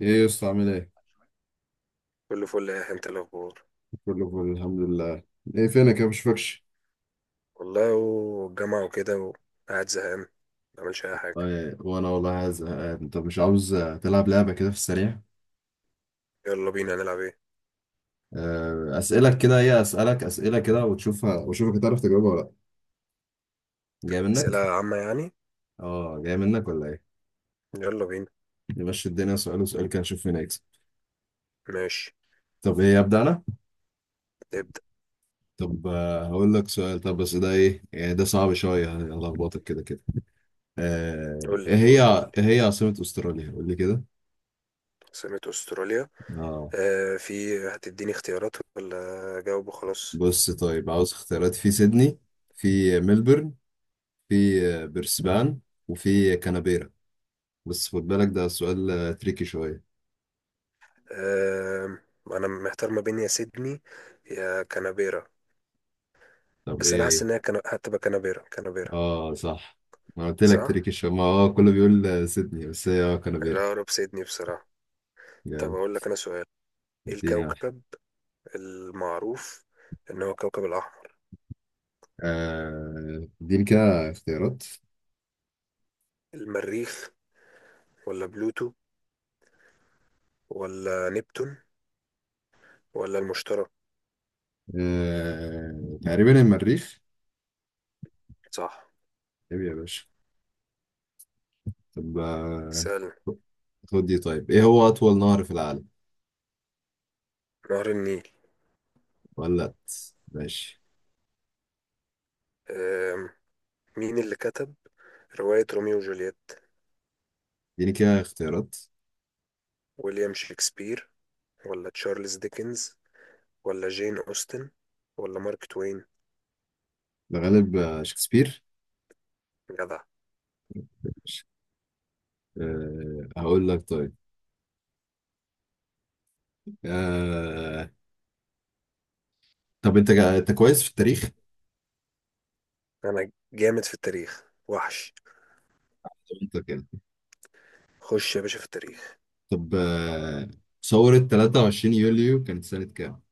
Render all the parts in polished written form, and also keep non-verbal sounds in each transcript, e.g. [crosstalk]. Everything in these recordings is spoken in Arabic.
ايه يا اسطى عامل ايه؟ كله فل. يا انت إيه الاخبار؟ كله فل، الحمد لله. ايه فينك يا مشفكش؟ والله والجامعة وكده، وقاعد زهقان ما بعملش اي حاجة. طيب وانا والله زهقان، انت مش عاوز تلعب لعبة كده في السريع؟ يلا بينا نلعب. ايه، اسئلة كده، ايه؟ اسألك اسئلة كده وتشوفها واشوفك هتعرف تجاوبها ولا لا. جاي اسئلة منك. عامة يعني؟ اه، جاي منك ولا ايه؟ يلا بينا. نمشي الدنيا، سؤال وسؤال كده، نشوف مين هيكسب. ماشي، طب ايه؟ ابدأ انا. نبدأ. طب هقول لك سؤال. طب بس ده ايه يعني؟ ده صعب شوية، هلخبطك كده كده. قول ايه لي قول لي قول هي؟ لي ايه هي عاصمة استراليا؟ قول لي عاصمة استراليا. كده. آه، في هتديني اختيارات ولا اجاوب وخلاص؟ بص طيب، عاوز اختيارات؟ في سيدني، في ملبورن، في برسبان، وفي كانبيرا. بس خد بالك ده سؤال تريكي شوية. آه، انا محتار ما بين يا سيدني يا كانبيرا. طب بس انا ايه حاسس ان هي ايه هتبقى كانبيرا. اه صح. ما قلت لك صح. تريكي شوية، ما كله بيقول سيدني، بس هي كانبيرا. لا، اقرب سيدني بصراحة. طب جامد. اقول لك انا سؤال. ايه اديني واحد. الكوكب المعروف إن هو كوكب الأحمر؟ اديني كده اختيارات. المريخ، ولا بلوتو، ولا نبتون، ولا المشتري؟ تقريبا المريخ. صح. طيب يا باشا. طب سأل. خد دي. طيب ايه هو أطول نهر في العالم؟ نهر النيل. ولا لأ؟ ماشي. أم، مين اللي كتب رواية روميو وجولييت؟ اديني كده اختيارات. ويليام شكسبير، ولا تشارلز ديكنز، ولا جين أوستن، ولا مارك توين؟ الغالب شكسبير. جدع. أه، هقول لك طيب. أه. طب انت كويس في التاريخ. أنا جامد في التاريخ وحش. انت كده. خش يا باشا في التاريخ. طب أه، ثورة 23 يوليو كانت سنة كام؟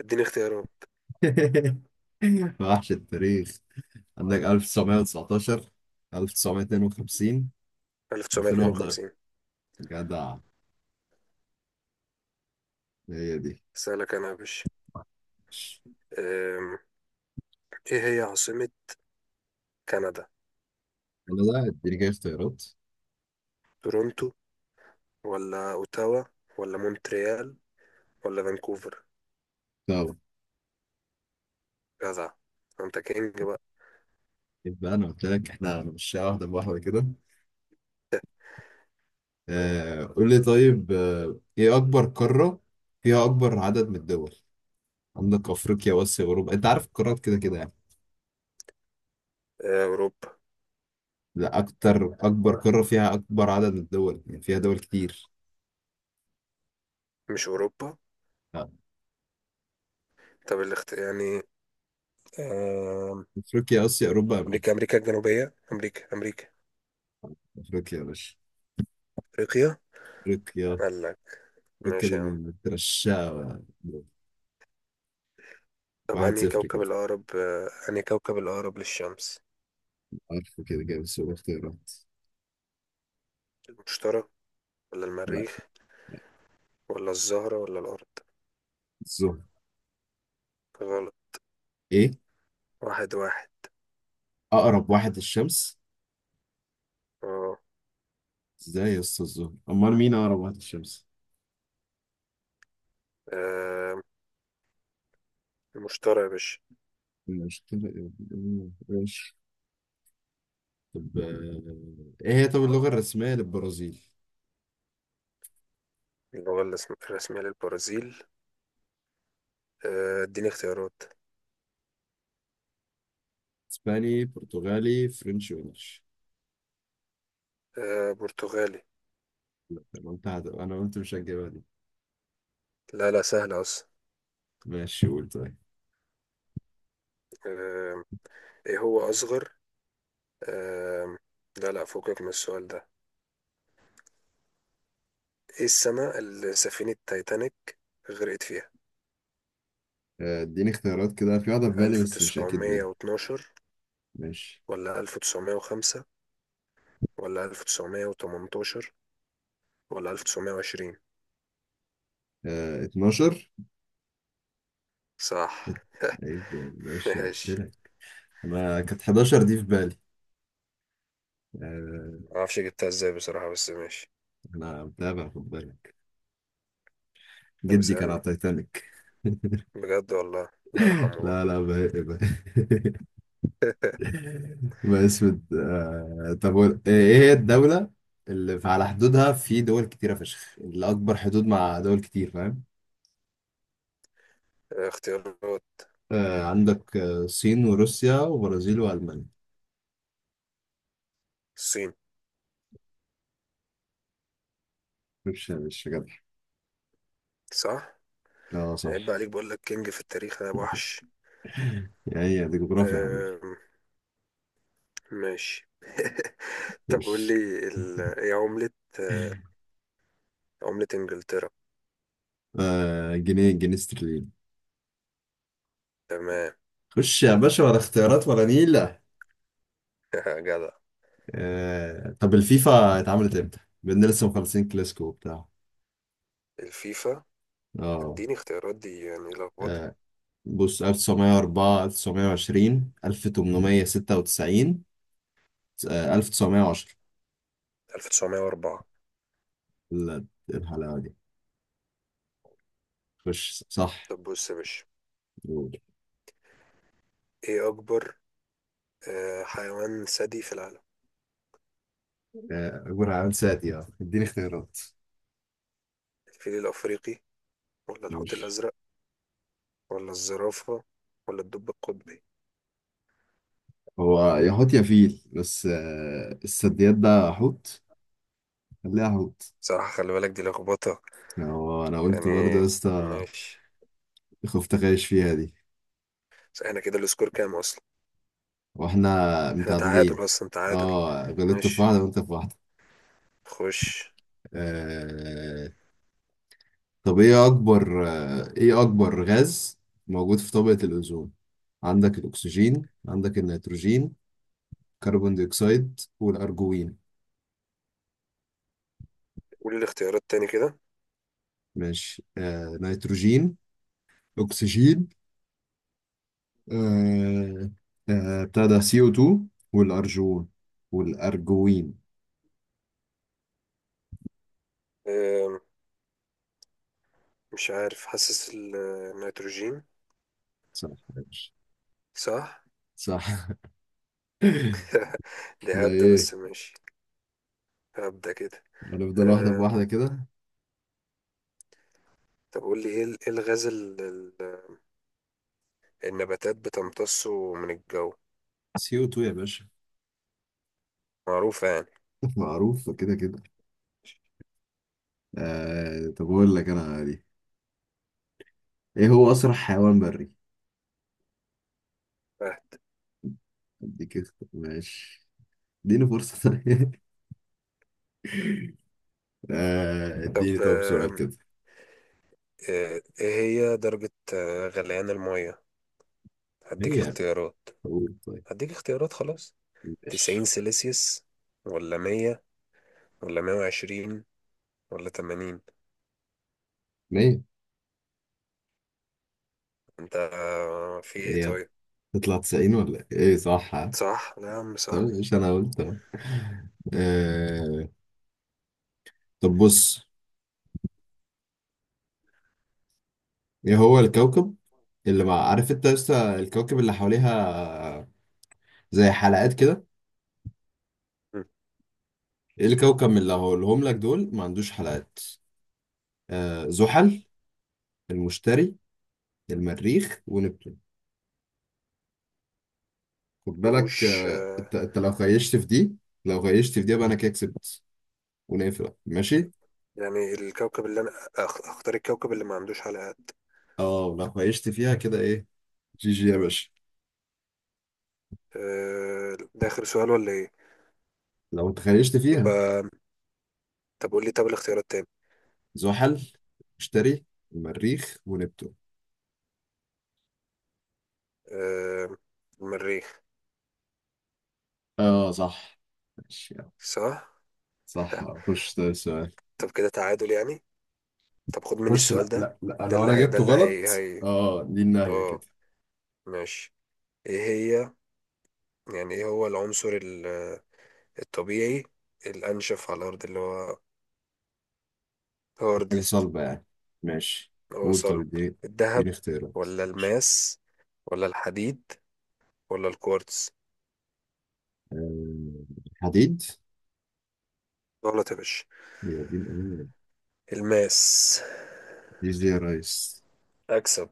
اديني اختيارات. [laughs] وحش التاريخ. عندك 1919، 1952، 2011. 1952. جدع، هي دي. سألك أنا يا باشا. أم، إيه هي عاصمة كندا؟ انا ده اديني كده اختيارات. تورونتو، ولا اوتاوا، ولا مونتريال، ولا فانكوفر؟ طب جدع، انت كينج بقى. يبقى انا قلت لك احنا مش واحدة بواحدة كده. آه قول لي طيب. آه، ايه اكبر قارة فيها اكبر عدد من الدول؟ عندك افريقيا واسيا اوروبا، انت عارف القارات كده كده يعني. اوروبا. لا اكتر، اكبر قارة فيها اكبر عدد من الدول، يعني فيها دول كتير. مش اوروبا. آه. طب يعني، آه، افريقيا، اسيا، اوروبا، امريكا. امريكا، امريكا الجنوبية، امريكا. افريقيا يا باشا. افريقيا. افريقيا. قال لك. افريقيا ماشي دي يا عم. من مترشقة. طب واحد انهي صفر كوكب كده. الاقرب، انهي كوكب الاقرب للشمس؟ عارفه كده كده بس هو اختيارات. المشتري، ولا لا. المريخ، ولا الزهرة، ولا الارض؟ الزهر. غلط. ايه؟ واحد واحد. اقرب واحد للشمس. اه. ازاي يا اسطى الزهر؟ امال مين اقرب واحد للشمس؟ آه، المشتري يا باشا. مش كده إيه؟ إيه؟ طب ايه هي طب اللغة الرسمية للبرازيل؟ اللغة الرسمية للبرازيل. اديني اختيارات. اسباني، برتغالي، فرنش، وانجلش. آه، برتغالي. انا قلت انا قلت مش هتجيبها دي. لا لا، سهل أصلا. ماشي قول طيب. آه، إيه هو أصغر، آه لا لا، فوقك من السؤال ده. إيه السنة اللي سفينة تايتانيك غرقت فيها؟ اديني اختيارات كده، في واحدة في بالي ألف بس مش اكيد تسعمية منها. واتناشر، ماشي. ولا ألف تسعمية وخمسة، ولا ألف تسعمية وتمنتاشر، ولا ألف تسعمية وعشرين؟ آه، 12. صح. ات- عيب يا باشا [laughs] قلت ماشي. لك. انا كانت 11 دي في بالي. آه. معرفش جبتها إزاي بصراحة، بس ماشي. انا متابع خد بالك. طب جدي كان على اسألني. تايتانيك [laughs] بجد والله. الله يرحمه لا بقى. لا بقى. ما اسود. طب ايه هي الدولة اللي على حدودها في دول كتيرة فشخ، اللي أكبر حدود مع دول كتير، فاهم؟ اختيارات. عندك الصين وروسيا وبرازيل وألمانيا. الصين. مش جدع. صح. اه عيب بقى صح. عليك، بقول لك كينج في التاريخ أنا وحش. يعني دي جغرافيا يا حبيبي. ماشي. [laughs] طب خش. قول لي، ايه عملة، آه، عملة انجلترا. جنيه استرليني. تمام. خش يا باشا ولا اختيارات ولا نيلة. [laughs] جدع. طب الفيفا اتعملت امتى؟ بإن لسه مخلصين كلاسيكو وبتاع. الفيفا. اه. اديني اختيارات، دي يعني لخبطة. آه، بص 1904، 1920، 1896، 1910. 1904. ال- الحلاوة دي. خش صح. طب بص يا باشا، ايه اكبر، حيوان ثدي في العالم؟ جرعان سادي، اه اديني اختيارات. الفيل الافريقي، ولا الحوت ماشي. الازرق، ولا الزرافة، ولا الدب القطبي؟ هو يا حوت يا فيل، بس السديات ده حوت. خليها حوت. صراحة خلي بالك، دي لخبطة هو انا قلت برضه يا يعني. اسطى. ماشي. خفت اغش فيها دي. بس احنا كده السكور كام اصلا؟ واحنا احنا متعادلين. تعادل اصلا، تعادل. اه غلطت في ماشي. واحدة وانت في واحدة. خش. آه، طب ايه اكبر غاز موجود في طبقة الاوزون؟ عندك الاكسجين، عندك النيتروجين، كربون ديوكسيد، والارجوين. قولي الاختيارات تاني كده. ماشي. آه نيتروجين، اكسجين، آه، آه بتاع ده سي او 2، والارجون، والارجوين. أم، مش عارف، حاسس النيتروجين. صح يا باشا. صح. صح [laughs] [laughs] دي لا هبدة ايه. بس، ماشي. هبدة كده. هنفضل واحدة أم، بواحدة كده. طب قول لي، ايه إيه الغاز النباتات بتمتصه من الجو؟ سي او 2 يا باشا معروفة يعني. [laughs] معروف كده كده. آه، طب اقول لك انا دي. ايه هو اسرع حيوان بري؟ فهد. اديك ماشي. اديني فرصة طيب [laughs] اديني طب طب سؤال كده. ايه، إيه هي درجة غليان المية؟ هديك هي اختيارات. بتقول طيب. هديك اختيارات خلاص. تسعين ماشي. سيلسيوس، ولا مية، ولا مية وعشرين، ولا تمانين؟ ليه؟ انت في ايه هي طيب؟ تطلع 90 ولا ايه؟ إيه صح ها؟ صح. لا يا عم، طب صح. مش انا قلت اهو. آه، طب بص. ايه هو الكوكب اللي مع عارف انت لسه، الكوكب اللي حواليها زي حلقات كده. ايه الكوكب من اللي هقولهم لك دول ما عندوش حلقات؟ آه زحل، المشتري، المريخ، ونبتون. خد بالك عندهوش انت انت لو خيشت في دي. لو خيشت في دي يبقى انا كده كسبت، ونقفل ماشي. يعني الكوكب اللي انا اختار، الكوكب اللي ما عندوش حلقات. اه لو خيشت فيها كده ايه. جي جي يا باشا. ده اخر سؤال ولا ايه؟ لو انت خيشت فيها، يبقى طب قول لي، طب الاختيارات تاني. زحل، مشتري، المريخ، ونبتون. آه، المريخ. اه صح. ماشي يلا. صح. صح خش ده السؤال. طب كده تعادل يعني. طب خد مني خش. السؤال لا ده. لا لا، لو انا ده جبته اللي هي غلط هي. اه دي النهاية اه. كده. ماشي. ايه هي، يعني ايه هو العنصر الطبيعي الانشف على الارض، اللي هو حاجة هاردست. صلبة يعني. ماشي. هو قول طب صلب. اديني. اديني الذهب، اختيارات. ولا ماشي. الماس، ولا الحديد، ولا الكوارتز؟ آه، حديد. غلط يا باشا. يا دين امين. الماس. دي زي يا ريس. اكسب.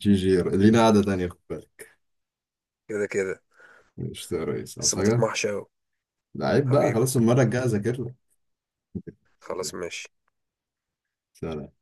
جي جي لينا قعدة تانية خد بالك. كده كده، مش يا ريس بس عاوز ما حاجة؟ تطمحش اوي. لعيب بقى حبيبي. خلاص، المرة الجاية أذاكر لك خلاص، [laughs] ماشي. سلام.